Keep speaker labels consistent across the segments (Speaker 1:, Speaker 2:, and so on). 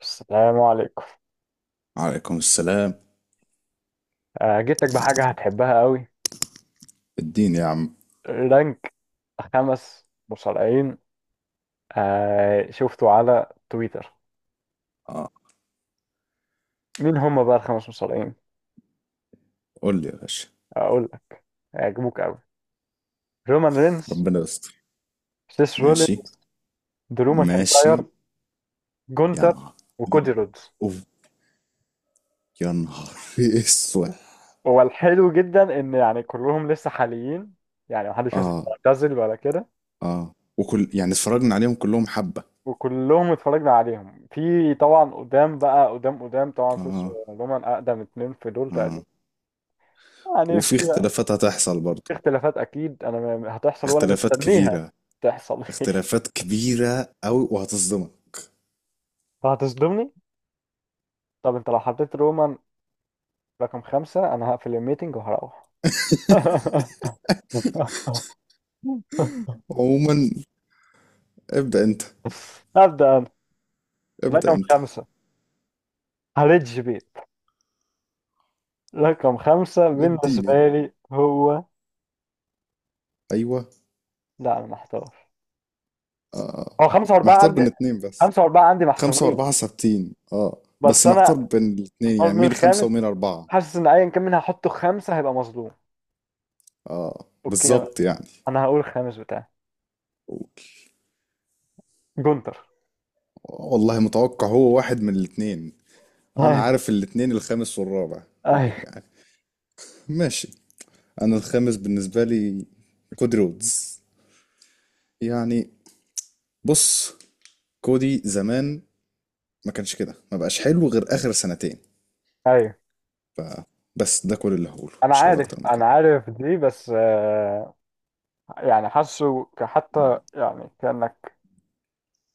Speaker 1: السلام عليكم.
Speaker 2: عليكم السلام.
Speaker 1: جيتك بحاجة هتحبها قوي.
Speaker 2: الدين يا عم.
Speaker 1: رانك 5 مصارعين. آه، شفته على تويتر.
Speaker 2: اه،
Speaker 1: مين هم بقى ال5 مصارعين؟
Speaker 2: قول لي يا باشا.
Speaker 1: أقول لك هيعجبوك قوي: رومان رينز،
Speaker 2: ربنا يستر.
Speaker 1: سيس
Speaker 2: ماشي.
Speaker 1: رولينز، درو
Speaker 2: ماشي.
Speaker 1: ماكنتاير،
Speaker 2: يا
Speaker 1: جونتر،
Speaker 2: نهار.
Speaker 1: وكودي رودز.
Speaker 2: اوف، يا نهار اسود.
Speaker 1: هو الحلو جدا إن يعني كلهم لسه حاليين، يعني محدش مثلا
Speaker 2: اه.
Speaker 1: معتزل ولا كده.
Speaker 2: اه، وكل يعني اتفرجنا عليهم كلهم حبة.
Speaker 1: وكلهم اتفرجنا عليهم في طبعا قدام بقى قدام طبعا. سيس
Speaker 2: اه.
Speaker 1: ورومان أقدم اتنين في دول تقريبا.
Speaker 2: اه
Speaker 1: يعني
Speaker 2: وفي
Speaker 1: في
Speaker 2: اختلافات هتحصل برضه.
Speaker 1: في اختلافات اكيد، هتحصل وانا
Speaker 2: اختلافات
Speaker 1: مستنيها
Speaker 2: كبيرة.
Speaker 1: تحصل.
Speaker 2: اختلافات كبيرة أوي وهتصدمك.
Speaker 1: فهتصدمني. طب انت لو حطيت رومان رقم 5، انا هقفل الميتنج وهروح.
Speaker 2: عموما ابدأ انت.
Speaker 1: هبدأ انا.
Speaker 2: ابدأ
Speaker 1: رقم
Speaker 2: انت.
Speaker 1: خمسة هريدج بيت. رقم 5 بالنسبة
Speaker 2: اديني.
Speaker 1: لي هو،
Speaker 2: ايوه.
Speaker 1: لا انا محتار.
Speaker 2: اه آه.
Speaker 1: هو 5 و4
Speaker 2: محتار
Speaker 1: عندي،
Speaker 2: بين اتنين بس.
Speaker 1: 5 و4 عندي
Speaker 2: خمسة
Speaker 1: محسومين.
Speaker 2: وأربعة ثابتين، اه،
Speaker 1: بس
Speaker 2: بس محتار
Speaker 1: انا
Speaker 2: بين الاتنين،
Speaker 1: اختار
Speaker 2: يعني
Speaker 1: من
Speaker 2: مين خمسة
Speaker 1: الخامس،
Speaker 2: ومين أربعة.
Speaker 1: حاسس ان ايا كان مين هحطه 5 هيبقى مظلوم.
Speaker 2: اه
Speaker 1: اوكي،
Speaker 2: بالظبط يعني.
Speaker 1: أنا هقول الخامس بتاعي:
Speaker 2: قول.
Speaker 1: جونتر.
Speaker 2: والله متوقع هو واحد من الاتنين. أنا
Speaker 1: اي،
Speaker 2: عارف الاتنين الخامس والرابع. و-
Speaker 1: اي،
Speaker 2: يعني ماشي. أنا الخامس بالنسبة لي كودي رودز. يعني بص، كودي زمان ما كانش كده، ما بقاش حلو غير آخر سنتين.
Speaker 1: ايوه.
Speaker 2: ف... بس ده كل اللي هقوله،
Speaker 1: انا
Speaker 2: مش هقول
Speaker 1: عارف
Speaker 2: أكتر من
Speaker 1: انا
Speaker 2: كده.
Speaker 1: عارف دي، بس يعني
Speaker 2: مم.
Speaker 1: حتى يعني كانك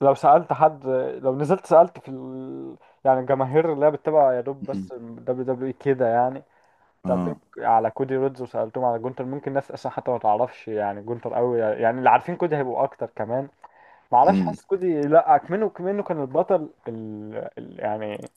Speaker 1: لو سالت حد، لو نزلت سالت في ال... يعني الجماهير اللي هي بتتابع يا دوب
Speaker 2: مم.
Speaker 1: بس دبليو دبليو اي كده، يعني سالتهم
Speaker 2: اه.
Speaker 1: على كودي رودز وسالتهم على جونتر، ممكن ناس اصلا حتى ما تعرفش يعني جونتر قوي، يعني اللي عارفين كودي هيبقوا اكتر كمان. ما اعرفش،
Speaker 2: امم
Speaker 1: حاسس كودي لا كمنه كان البطل، يعني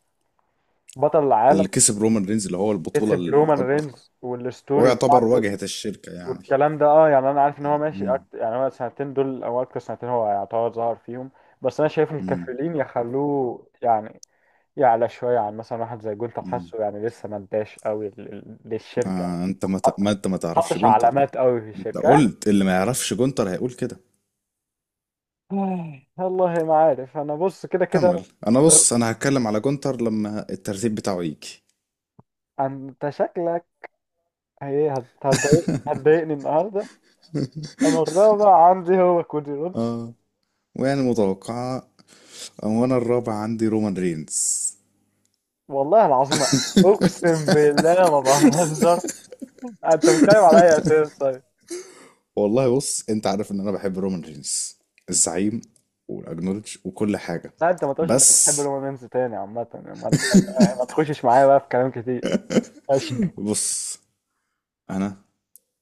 Speaker 1: بطل العالم.
Speaker 2: اللي كسب رومان رينز اللي هو البطولة
Speaker 1: كسب رومان
Speaker 2: الأكبر،
Speaker 1: رينز والستوري
Speaker 2: ويعتبر
Speaker 1: بتاعته،
Speaker 2: واجهة الشركة يعني.
Speaker 1: والكلام ده. اه يعني انا عارف ان هو ماشي
Speaker 2: مم.
Speaker 1: أكتر، يعني هو السنتين دول او اكتر سنتين هو يعتبر ظهر فيهم، بس انا شايف
Speaker 2: مم.
Speaker 1: الكافلين يخلوه يعني يعلى شويه عن مثلا واحد زي جولت.
Speaker 2: مم.
Speaker 1: حاسه يعني لسه ما اداش قوي للشركه،
Speaker 2: آه، انت ما
Speaker 1: ما
Speaker 2: تعرفش
Speaker 1: حطش
Speaker 2: جونتر بقى.
Speaker 1: علامات قوي في
Speaker 2: انت
Speaker 1: الشركه.
Speaker 2: قلت اللي ما يعرفش جونتر هيقول كده.
Speaker 1: آه، والله ما عارف. انا بص، كده
Speaker 2: كمل،
Speaker 1: كده
Speaker 2: انا بص انا هتكلم على جونتر لما الترتيب بتاعه يجي.
Speaker 1: انت شكلك هتضايقني النهارده. انا الرابع عندي هو كودي رودز.
Speaker 2: اه، ويعني متوقعة. وانا الرابع عندي رومان رينز.
Speaker 1: والله العظيم، اقسم بالله ما بهزر. آه، انت بتتكلم على اي اساس طيب؟
Speaker 2: والله بص، انت عارف ان انا بحب رومان رينز، الزعيم والاجنولج وكل حاجة.
Speaker 1: لا انت ما تقولش انك بتحب
Speaker 2: بس
Speaker 1: الرومانس تاني عامة، يعني ما تتكلم، ما تخشش معايا بقى في كلام كتير. ماشي.
Speaker 2: بص، انا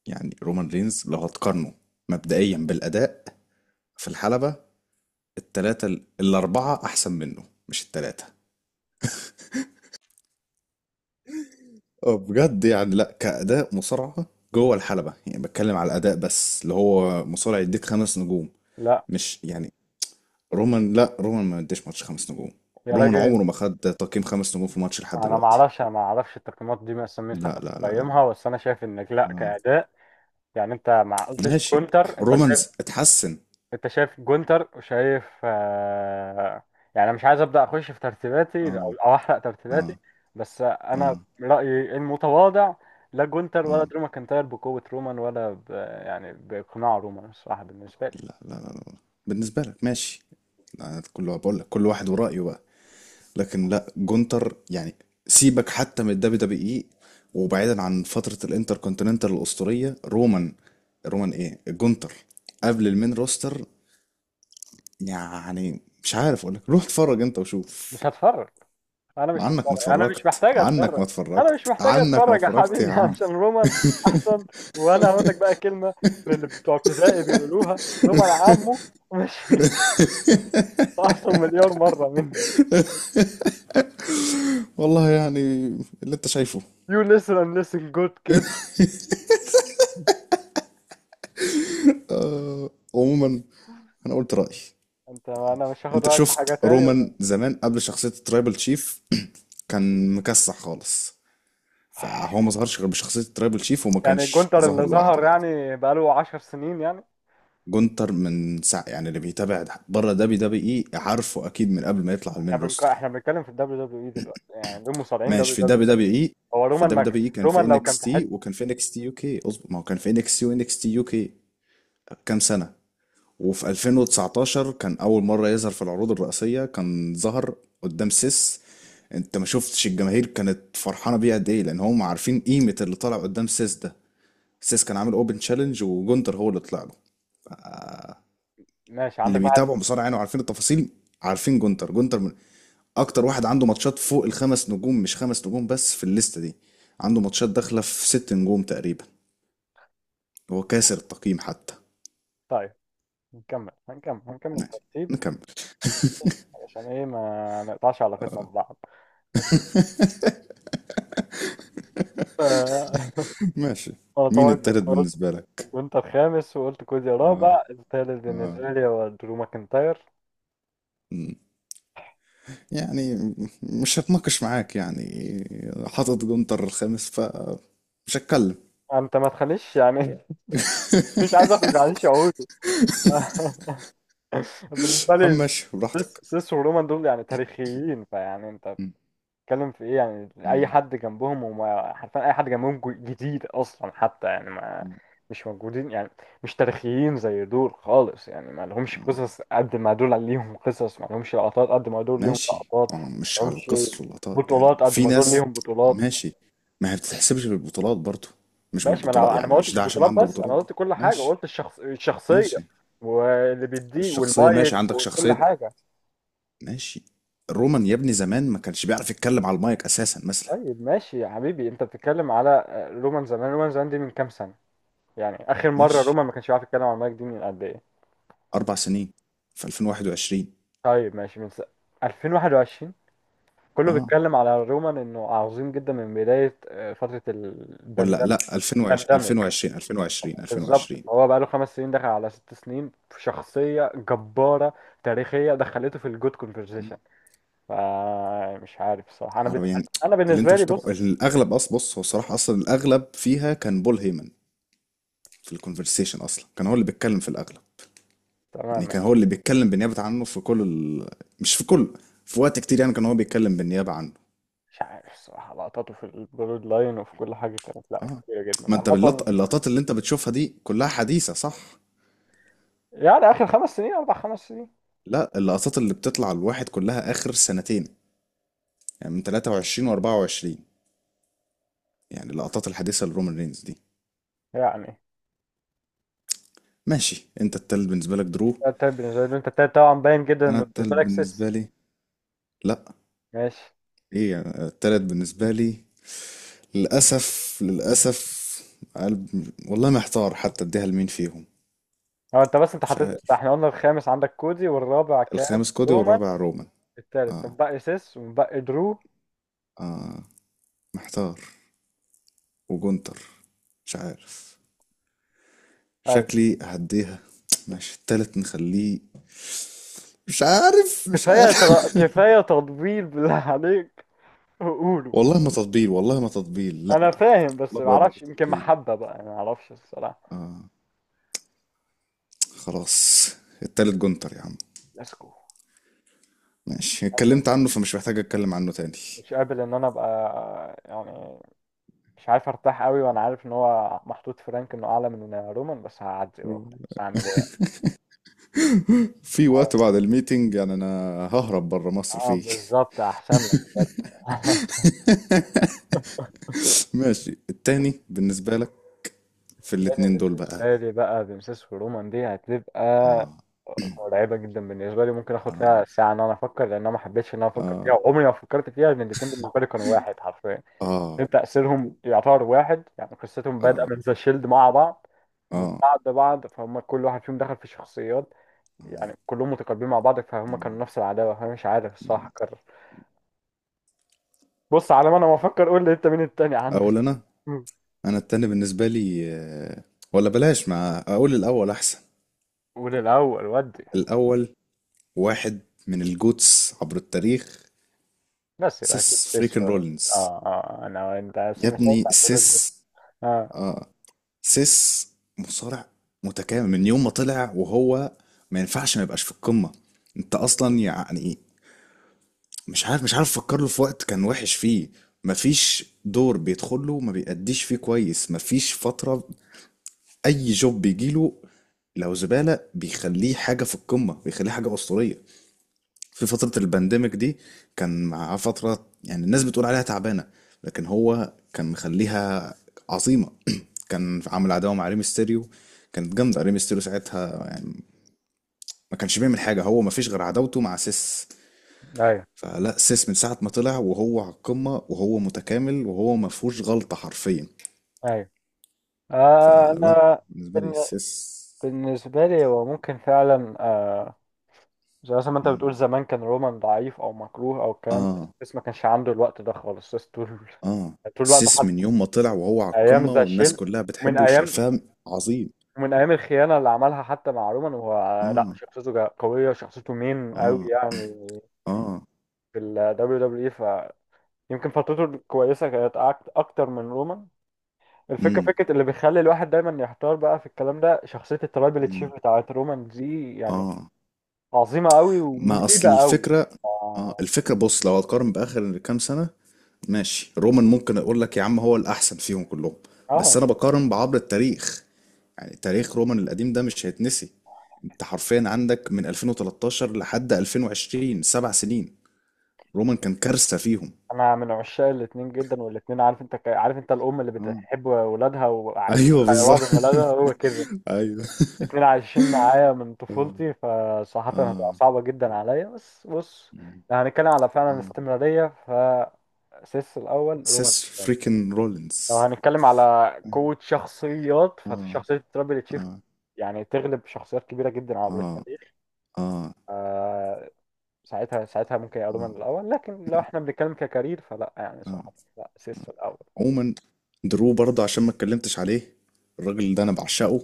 Speaker 2: يعني رومان رينز لو هتقارنه مبدئيا بالاداء في الحلبة، التلاتة الأربعة أحسن منه، مش التلاتة. اه بجد يعني، لا كأداء مصارعة جوه الحلبة، يعني بتكلم على الأداء بس، اللي هو مصارع يديك خمس نجوم.
Speaker 1: لا
Speaker 2: مش يعني رومان، لا رومان ما يديش ماتش خمس نجوم.
Speaker 1: يا
Speaker 2: رومان
Speaker 1: راجل،
Speaker 2: عمره ما خد تقييم خمس نجوم في ماتش لحد
Speaker 1: انا ما
Speaker 2: دلوقتي.
Speaker 1: اعرفش، انا ما اعرفش التقييمات دي مثلا مين حتى
Speaker 2: لا لا لا لا.
Speaker 1: بيقيمها، بس انا شايف انك لا
Speaker 2: آه.
Speaker 1: كأداء يعني. انت ما قلتش
Speaker 2: ماشي،
Speaker 1: كونتر، انت شايف.
Speaker 2: رومانز اتحسن.
Speaker 1: انت شايف جونتر وشايف، آه، يعني انا مش عايز ابدا اخش في ترتيباتي
Speaker 2: اه.
Speaker 1: أو احرق
Speaker 2: اه.
Speaker 1: ترتيباتي، بس انا
Speaker 2: اه.
Speaker 1: رايي المتواضع: لا جونتر ولا
Speaker 2: اه.
Speaker 1: درو ماكنتاير بقوه رومان ولا ب... يعني باقناع رومان الصراحه بالنسبه لي.
Speaker 2: لا لا لا، لا. بالنسبة لك ماشي. أنا كل بقول لك كل واحد ورأيه بقى. لكن لا، جونتر يعني، سيبك حتى من الدبليو دبليو اي، وبعيدا عن فترة الانتر كونتيننتال الأسطورية. رومان، رومان ايه، جونتر قبل المين روستر يعني؟ مش عارف اقول لك روح اتفرج انت
Speaker 1: مش
Speaker 2: وشوف.
Speaker 1: هتفرج، انا مش
Speaker 2: عنك ما
Speaker 1: هتفرج، انا مش
Speaker 2: اتفرجت،
Speaker 1: محتاج
Speaker 2: عنك ما
Speaker 1: اتفرج. انا مش
Speaker 2: اتفرجت،
Speaker 1: محتاج
Speaker 2: عنك ما
Speaker 1: اتفرج يا
Speaker 2: اتفرجت يا
Speaker 1: حبيبي
Speaker 2: عم.
Speaker 1: عشان رومان احسن. وانا هقول لك بقى كلمه من اللي بتوع ابتدائي بيقولوها: رومان عمه، ماشي. احسن 1000000000 مره مني.
Speaker 2: والله يعني اللي انت شايفه.
Speaker 1: You listen and listen good kid.
Speaker 2: آه. عموما انا قلت رأيي.
Speaker 1: انت انا مش هاخد
Speaker 2: انت
Speaker 1: رايك في حاجه
Speaker 2: شفت
Speaker 1: تاني.
Speaker 2: رومان زمان قبل شخصية الترايبل تشيف كان مكسح خالص. فهو ما ظهرش غير بشخصية ترابل شيف، وما
Speaker 1: يعني
Speaker 2: كانش
Speaker 1: جونتر
Speaker 2: ظاهر
Speaker 1: اللي
Speaker 2: لوحده
Speaker 1: ظهر
Speaker 2: برضه.
Speaker 1: يعني بقاله 10 سنين يعني.
Speaker 2: جونتر من ساعة يعني، اللي بيتابع بره دبليو دبليو اي عارفه اكيد من قبل ما يطلع على المين روستر.
Speaker 1: احنا بنتكلم في الدبليو دبليو اي دلوقتي، يعني دول مصارعين
Speaker 2: ماشي،
Speaker 1: دبليو
Speaker 2: في
Speaker 1: دبليو
Speaker 2: دبليو
Speaker 1: اي.
Speaker 2: دبليو اي.
Speaker 1: هو
Speaker 2: في
Speaker 1: رومان
Speaker 2: دبليو
Speaker 1: ماك،
Speaker 2: دبليو اي كان في
Speaker 1: رومان لو كان
Speaker 2: انكس
Speaker 1: في
Speaker 2: تي
Speaker 1: حته.
Speaker 2: وكان في انكس تي يو كي، اظبط ما هو كان في انكس تي وانكس تي يو كي كام سنة. وفي 2019 كان اول مرة يظهر في العروض الرئيسية، كان ظهر قدام سيس. انت ما شفتش الجماهير كانت فرحانه بيه قد ايه؟ لان هم عارفين قيمه اللي طالع قدام سيس ده. سيس كان عامل اوبن تشالنج وجونتر هو اللي طلع له.
Speaker 1: ماشي،
Speaker 2: اللي
Speaker 1: عندك واحد.
Speaker 2: بيتابعوا بصراحه يعني وعارفين التفاصيل عارفين جونتر. جونتر من اكتر واحد عنده ماتشات فوق الخمس نجوم، مش خمس نجوم بس في الليسته دي، عنده ماتشات داخله في ست نجوم تقريبا. هو كاسر التقييم حتى.
Speaker 1: طيب نكمل، هنكمل
Speaker 2: ماشي
Speaker 1: ترتيب
Speaker 2: نكمل.
Speaker 1: عشان ايه؟ ما نقطعش علاقتنا
Speaker 2: آه.
Speaker 1: ببعض. ماشي. ف-
Speaker 2: ماشي.
Speaker 1: انا
Speaker 2: مين
Speaker 1: طبعا كنت
Speaker 2: التالت
Speaker 1: قلت
Speaker 2: بالنسبه لك؟
Speaker 1: جونتر خامس، وقلت كوزي رابع. الثالث بالنسبه لي هو درو ماكنتاير.
Speaker 2: مم. يعني مش هتناقش معاك يعني، حاطط جونتر الخامس، ف مش هتكلم.
Speaker 1: انت ما تخليش يعني مش عايز اخرج عن شعوري. بالنسبه
Speaker 2: يا عم
Speaker 1: لي
Speaker 2: ماشي براحتك.
Speaker 1: سيس ورومان دول يعني تاريخيين. فيعني انت
Speaker 2: مم.
Speaker 1: بتتكلم في ايه؟ يعني اي
Speaker 2: مم.
Speaker 1: حد جنبهم، وما حرفيا اي حد جنبهم جديد اصلا حتى، يعني ما
Speaker 2: مم.
Speaker 1: مش موجودين يعني. مش تاريخيين زي دول خالص يعني. ما لهمش
Speaker 2: آه.
Speaker 1: قصص قد ما دول ليهم قصص، ما لهمش لقطات قد ما دول ليهم
Speaker 2: ماشي.
Speaker 1: لقطات،
Speaker 2: ما هو
Speaker 1: ما
Speaker 2: مش على
Speaker 1: لهمش
Speaker 2: القصص واللقطات يعني،
Speaker 1: بطولات قد
Speaker 2: في
Speaker 1: ما دول
Speaker 2: ناس.
Speaker 1: ليهم بطولات.
Speaker 2: ماشي. ما هي بتتحسبش بالبطولات برضو. مش
Speaker 1: ماشي، ما
Speaker 2: بالبطولات،
Speaker 1: انا ما
Speaker 2: يعني مش
Speaker 1: قلتش
Speaker 2: ده عشان
Speaker 1: البطولات
Speaker 2: عنده
Speaker 1: بس، انا
Speaker 2: بطولات.
Speaker 1: قلت كل حاجه،
Speaker 2: ماشي.
Speaker 1: قلت الشخصيه
Speaker 2: ماشي.
Speaker 1: واللي بيديه
Speaker 2: الشخصية ماشي،
Speaker 1: والمايك
Speaker 2: عندك
Speaker 1: وكل
Speaker 2: شخصية.
Speaker 1: حاجه.
Speaker 2: ماشي. رومان يا ابني زمان ما كانش بيعرف يتكلم على المايك أساسا مثلا.
Speaker 1: طيب ماشي يا حبيبي، انت بتتكلم على، آه، رومان زمان. رومان زمان دي من كام سنة؟ يعني اخر مرة
Speaker 2: ماشي،
Speaker 1: رومان ما كانش بيعرف يتكلم عن المايك دي من قد ايه؟
Speaker 2: أربع سنين، في 2021.
Speaker 1: طيب ماشي 2021. كله
Speaker 2: اه،
Speaker 1: بيتكلم على رومان انه عظيم جدا من بداية، آه، فترة
Speaker 2: ولا لا،
Speaker 1: الباندemic.
Speaker 2: 2020 2020 2020
Speaker 1: بالظبط،
Speaker 2: 2020.
Speaker 1: هو بقاله 5 سنين، دخل على 6 سنين في شخصية جبارة تاريخية، دخلته في الجود كونفرزيشن. فمش عارف الصراحة،
Speaker 2: عربي يعني.
Speaker 1: انا
Speaker 2: اللي انت
Speaker 1: بالنسبة
Speaker 2: مش
Speaker 1: لي
Speaker 2: متابعه
Speaker 1: بص.
Speaker 2: الاغلب اصلا. بص، هو الصراحه اصلا الاغلب فيها كان بول هيمن. في الكونفرسيشن اصلا كان هو اللي بيتكلم في الاغلب. يعني
Speaker 1: تمام.
Speaker 2: كان هو اللي بيتكلم بالنيابه عنه في كل مش في كله، في وقت كتير يعني كان هو بيتكلم بالنيابه عنه.
Speaker 1: مش عارف الصراحة، لقطاته في الجرود لاين وفي كل حاجة كانت لا
Speaker 2: اه.
Speaker 1: كتيرة جدا
Speaker 2: ما انت باللط...
Speaker 1: عامة،
Speaker 2: اللقطات اللي انت بتشوفها دي كلها حديثه صح.
Speaker 1: يعني آخر 5 سنين 4 5 سنين
Speaker 2: لا، اللقطات اللي بتطلع الواحد كلها اخر سنتين، يعني من 23 و24. يعني اللقطات الحديثه لرومان رينز دي.
Speaker 1: يعني.
Speaker 2: ماشي، انت التالت بالنسبه لك درو.
Speaker 1: ده التايب بالنسبة لي، أنت التايب طبعا باين جدا
Speaker 2: انا
Speaker 1: إنه
Speaker 2: التالت
Speaker 1: بالنسبة لك
Speaker 2: بالنسبه
Speaker 1: سيس.
Speaker 2: لي، لا،
Speaker 1: ماشي.
Speaker 2: ايه يعني؟ التالت بالنسبه لي، للأسف، للأسف. قلب. والله محتار حتى اديها لمين فيهم.
Speaker 1: هو أنت بس أنت
Speaker 2: مش
Speaker 1: حطيت
Speaker 2: عارف.
Speaker 1: إحنا قلنا الخامس عندك كودي والرابع كان
Speaker 2: الخامس كودي،
Speaker 1: رومان.
Speaker 2: والرابع رومان.
Speaker 1: التالت
Speaker 2: اه.
Speaker 1: طب، باقي سيس وباقي درو.
Speaker 2: اه. محتار. وجونتر. مش عارف.
Speaker 1: أيوة.
Speaker 2: شكلي هديها. ماشي، التالت نخليه. مش عارف، مش عارف.
Speaker 1: كفاية تطبيل بالله عليك، وقوله.
Speaker 2: والله ما تطبيل، والله ما تطبيل، لا.
Speaker 1: أنا فاهم، بس
Speaker 2: والله بجد
Speaker 1: معرفش،
Speaker 2: مش
Speaker 1: يمكن
Speaker 2: تطبيل.
Speaker 1: محبة بقى، أنا معرفش الصراحة.
Speaker 2: اه. خلاص، التالت جونتر يا عم.
Speaker 1: لاسكو.
Speaker 2: ماشي،
Speaker 1: أنا
Speaker 2: اتكلمت عنه فمش محتاج اتكلم عنه تاني.
Speaker 1: مش قابل ان انا ابقى يعني مش عارف ارتاح قوي، وانا عارف ان هو محطوط فرانك انه اعلى من رومان، بس هعدي بقى. بس هعمل ايه؟
Speaker 2: في
Speaker 1: ه-
Speaker 2: وقت بعد الميتنج يعني، انا ههرب بره مصر
Speaker 1: اه
Speaker 2: فيه.
Speaker 1: بالظبط، احسن لك بجد.
Speaker 2: ماشي، التاني بالنسبة لك في
Speaker 1: يعني
Speaker 2: الاتنين دول بقى.
Speaker 1: بالنسبه لي بقى، بنسيس ورومان دي هتبقى
Speaker 2: اه.
Speaker 1: مرعبه جدا بالنسبه لي. ممكن اخد
Speaker 2: اه.
Speaker 1: فيها ساعه ان انا افكر، لان انا ما حبيتش ان انا افكر فيها
Speaker 2: اه.
Speaker 1: وعمري ما فكرت فيها، لان الاثنين بالنسبه لي كانوا واحد حرفيا.
Speaker 2: اه.
Speaker 1: لأن تاثيرهم يعتبر واحد، يعني قصتهم بادئه
Speaker 2: اه.
Speaker 1: من ذا شيلد مع بعض، من
Speaker 2: اه.
Speaker 1: بعض بعض فهم كل واحد فيهم دخل في شخصيات، يعني كلهم متقاربين مع بعض فهم
Speaker 2: مم،
Speaker 1: كانوا نفس العداوة. أنا مش عارف الصراحة
Speaker 2: مم.
Speaker 1: أكرر، بص على ما أنا ما أفكر قول لي أنت مين التاني عندك؟
Speaker 2: اقول انا.
Speaker 1: مم.
Speaker 2: انا التاني بالنسبة لي آه، ولا بلاش، مع اقول الاول احسن.
Speaker 1: قول الأول ودي.
Speaker 2: الاول واحد من الجوتس عبر التاريخ،
Speaker 1: بس يبقى أكيد
Speaker 2: سيس
Speaker 1: تسلا.
Speaker 2: فريكن
Speaker 1: آه،
Speaker 2: رولينز.
Speaker 1: آه، آه. أنا، أنت بس
Speaker 2: يا
Speaker 1: مش
Speaker 2: ابني
Speaker 1: هينفع تقول كده.
Speaker 2: سيس.
Speaker 1: آه.
Speaker 2: اه، سيس مصارع متكامل من يوم ما طلع، وهو ما ينفعش ما يبقاش في القمة. انت اصلا يعني مش عارف، مش عارف افكر له في وقت كان وحش فيه. مفيش دور بيدخل له ما بيأديش فيه كويس، مفيش فترة. اي جوب بيجي له لو زبالة بيخليه حاجة في القمة، بيخليه حاجة أسطورية. في فترة البانديميك دي كان معاه فترة يعني الناس بتقول عليها تعبانة، لكن هو كان مخليها عظيمة. كان عامل عداوة مع ريم ستيريو، كانت جامدة ريم ستيريو ساعتها يعني. ما كانش بيعمل حاجة هو، ما فيش غير عداوته مع سيس.
Speaker 1: أيوه،
Speaker 2: فلا، سيس من ساعة ما طلع وهو على القمة، وهو متكامل وهو ما فيهوش غلطة حرفيا.
Speaker 1: أيوه. آه.
Speaker 2: فلا،
Speaker 1: أنا
Speaker 2: بالنسبة لي
Speaker 1: بن-
Speaker 2: سيس.
Speaker 1: بالنسبة لي هو ممكن فعلا. آه، زي مثلا ما أنت
Speaker 2: مم.
Speaker 1: بتقول زمان كان رومان ضعيف أو مكروه أو الكلام ده،
Speaker 2: اه.
Speaker 1: بس ما كانش عنده الوقت ده خالص، بس طول
Speaker 2: اه.
Speaker 1: طول الوقت
Speaker 2: سيس
Speaker 1: حتى.
Speaker 2: من يوم ما طلع وهو على
Speaker 1: أيام
Speaker 2: القمة
Speaker 1: ذا
Speaker 2: والناس
Speaker 1: شيلد،
Speaker 2: كلها
Speaker 1: ومن
Speaker 2: بتحبه
Speaker 1: أيام
Speaker 2: وشايفاه عظيم.
Speaker 1: ومن ايام الخيانه اللي عملها حتى مع رومان، وهو لا
Speaker 2: اه.
Speaker 1: شخصيته قويه، شخصيته مين قوي
Speaker 2: اه.
Speaker 1: يعني
Speaker 2: اه.
Speaker 1: في ال WWE. فيمكن فترته الكويسه كانت اكتر من رومان. الفكره،
Speaker 2: امم
Speaker 1: فكره اللي بيخلي الواحد دايما يحتار بقى في الكلام ده، شخصيه الترايبل تشيف
Speaker 2: امم
Speaker 1: بتاعت رومان دي يعني
Speaker 2: اه.
Speaker 1: عظيمه قوي
Speaker 2: ما اصل
Speaker 1: ومهيبه قوي.
Speaker 2: الفكرة. اه،
Speaker 1: اه،
Speaker 2: الفكرة بص، لو هتقارن بآخر كام سنة، ماشي، رومان ممكن اقول لك يا عم هو الأحسن فيهم كلهم. بس
Speaker 1: آه.
Speaker 2: انا بقارن بعبر التاريخ، يعني تاريخ رومان القديم ده مش هيتنسي. انت حرفيا عندك من 2013 لحد 2020 سبع سنين رومان كان كارثة فيهم.
Speaker 1: انا من عشاق الاتنين جدا، والاتنين، عارف انت، عارف انت الام اللي
Speaker 2: اه.
Speaker 1: بتحب ولادها وعايز
Speaker 2: ايوه
Speaker 1: خيرها
Speaker 2: بالظبط.
Speaker 1: بين ولادها، هو كده.
Speaker 2: ايوه.
Speaker 1: الاتنين عايشين معايا من
Speaker 2: اه.
Speaker 1: طفولتي، فصراحة هتبقى
Speaker 2: اه.
Speaker 1: صعبة جدا عليا. بس بص،
Speaker 2: مم.
Speaker 1: لو هنتكلم على فعلا
Speaker 2: اه.
Speaker 1: استمرارية فسيس الأول، رومان
Speaker 2: سيس
Speaker 1: الثاني.
Speaker 2: فريكن
Speaker 1: لو
Speaker 2: رولينز.
Speaker 1: هنتكلم على قوة شخصيات
Speaker 2: اه. اه.
Speaker 1: فشخصية ترابل تشيف
Speaker 2: اه.
Speaker 1: يعني تغلب شخصيات كبيرة جدا عبر
Speaker 2: اه.
Speaker 1: التاريخ،
Speaker 2: اه.
Speaker 1: آه، ساعتها، ساعتها ممكن يبقى رومان الأول. لكن لو احنا بنتكلم ككارير فلا، يعني
Speaker 2: اه.
Speaker 1: صراحة لا، سيس الأول.
Speaker 2: عموما، درو برضه عشان ما اتكلمتش عليه، الراجل ده انا بعشقه.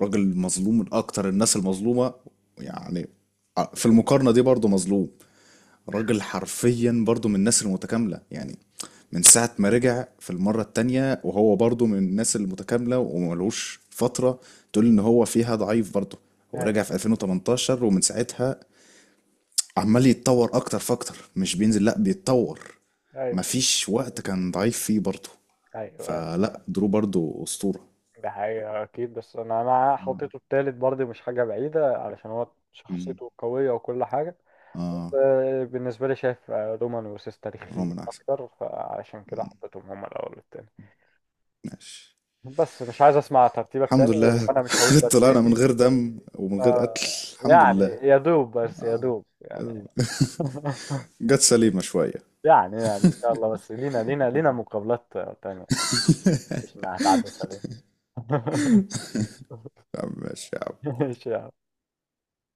Speaker 2: راجل مظلوم من اكتر الناس المظلومه. يعني في المقارنه دي برضه مظلوم. راجل حرفيا برضو من الناس المتكاملة يعني. من ساعة ما رجع في المرة التانية وهو برضو من الناس المتكاملة وملوش فترة تقول ان هو فيها ضعيف برضو. هو
Speaker 1: أيوه،
Speaker 2: رجع في 2018 ومن ساعتها عمال يتطور اكتر فاكتر، مش بينزل، لا بيتطور.
Speaker 1: أيوه،
Speaker 2: مفيش وقت كان ضعيف فيه برضو.
Speaker 1: أيوه.
Speaker 2: فلا، درو برضو أسطورة.
Speaker 1: ده حقيقة أكيد، بس أنا
Speaker 2: آه.
Speaker 1: حطيته التالت برضه، مش حاجة بعيدة علشان هو
Speaker 2: مم.
Speaker 1: شخصيته قوية وكل حاجة. بس
Speaker 2: اه.
Speaker 1: آه، بالنسبة لي شايف، آه، رومان وسيس تاريخيين
Speaker 2: رومان احسن.
Speaker 1: أكتر، فعشان كده
Speaker 2: مم.
Speaker 1: حطيتهم هما الأول والتاني.
Speaker 2: ماشي.
Speaker 1: بس مش عايز أسمع ترتيبك
Speaker 2: الحمد
Speaker 1: تاني،
Speaker 2: لله.
Speaker 1: وأنا مش هقول
Speaker 2: طلعنا من
Speaker 1: ترتيبي.
Speaker 2: غير دم ومن غير قتل.
Speaker 1: آه،
Speaker 2: الحمد
Speaker 1: يعني
Speaker 2: لله.
Speaker 1: يا دوب بس، يا
Speaker 2: اه.
Speaker 1: دوب يعني.
Speaker 2: جت سليمة شوية.
Speaker 1: يعني، يعني إن شاء الله، بس لينا مقابلات آه، تانية، مش إنها هتعدي علينا.
Speaker 2: يا عم ماشي يا عم.
Speaker 1: ماشي.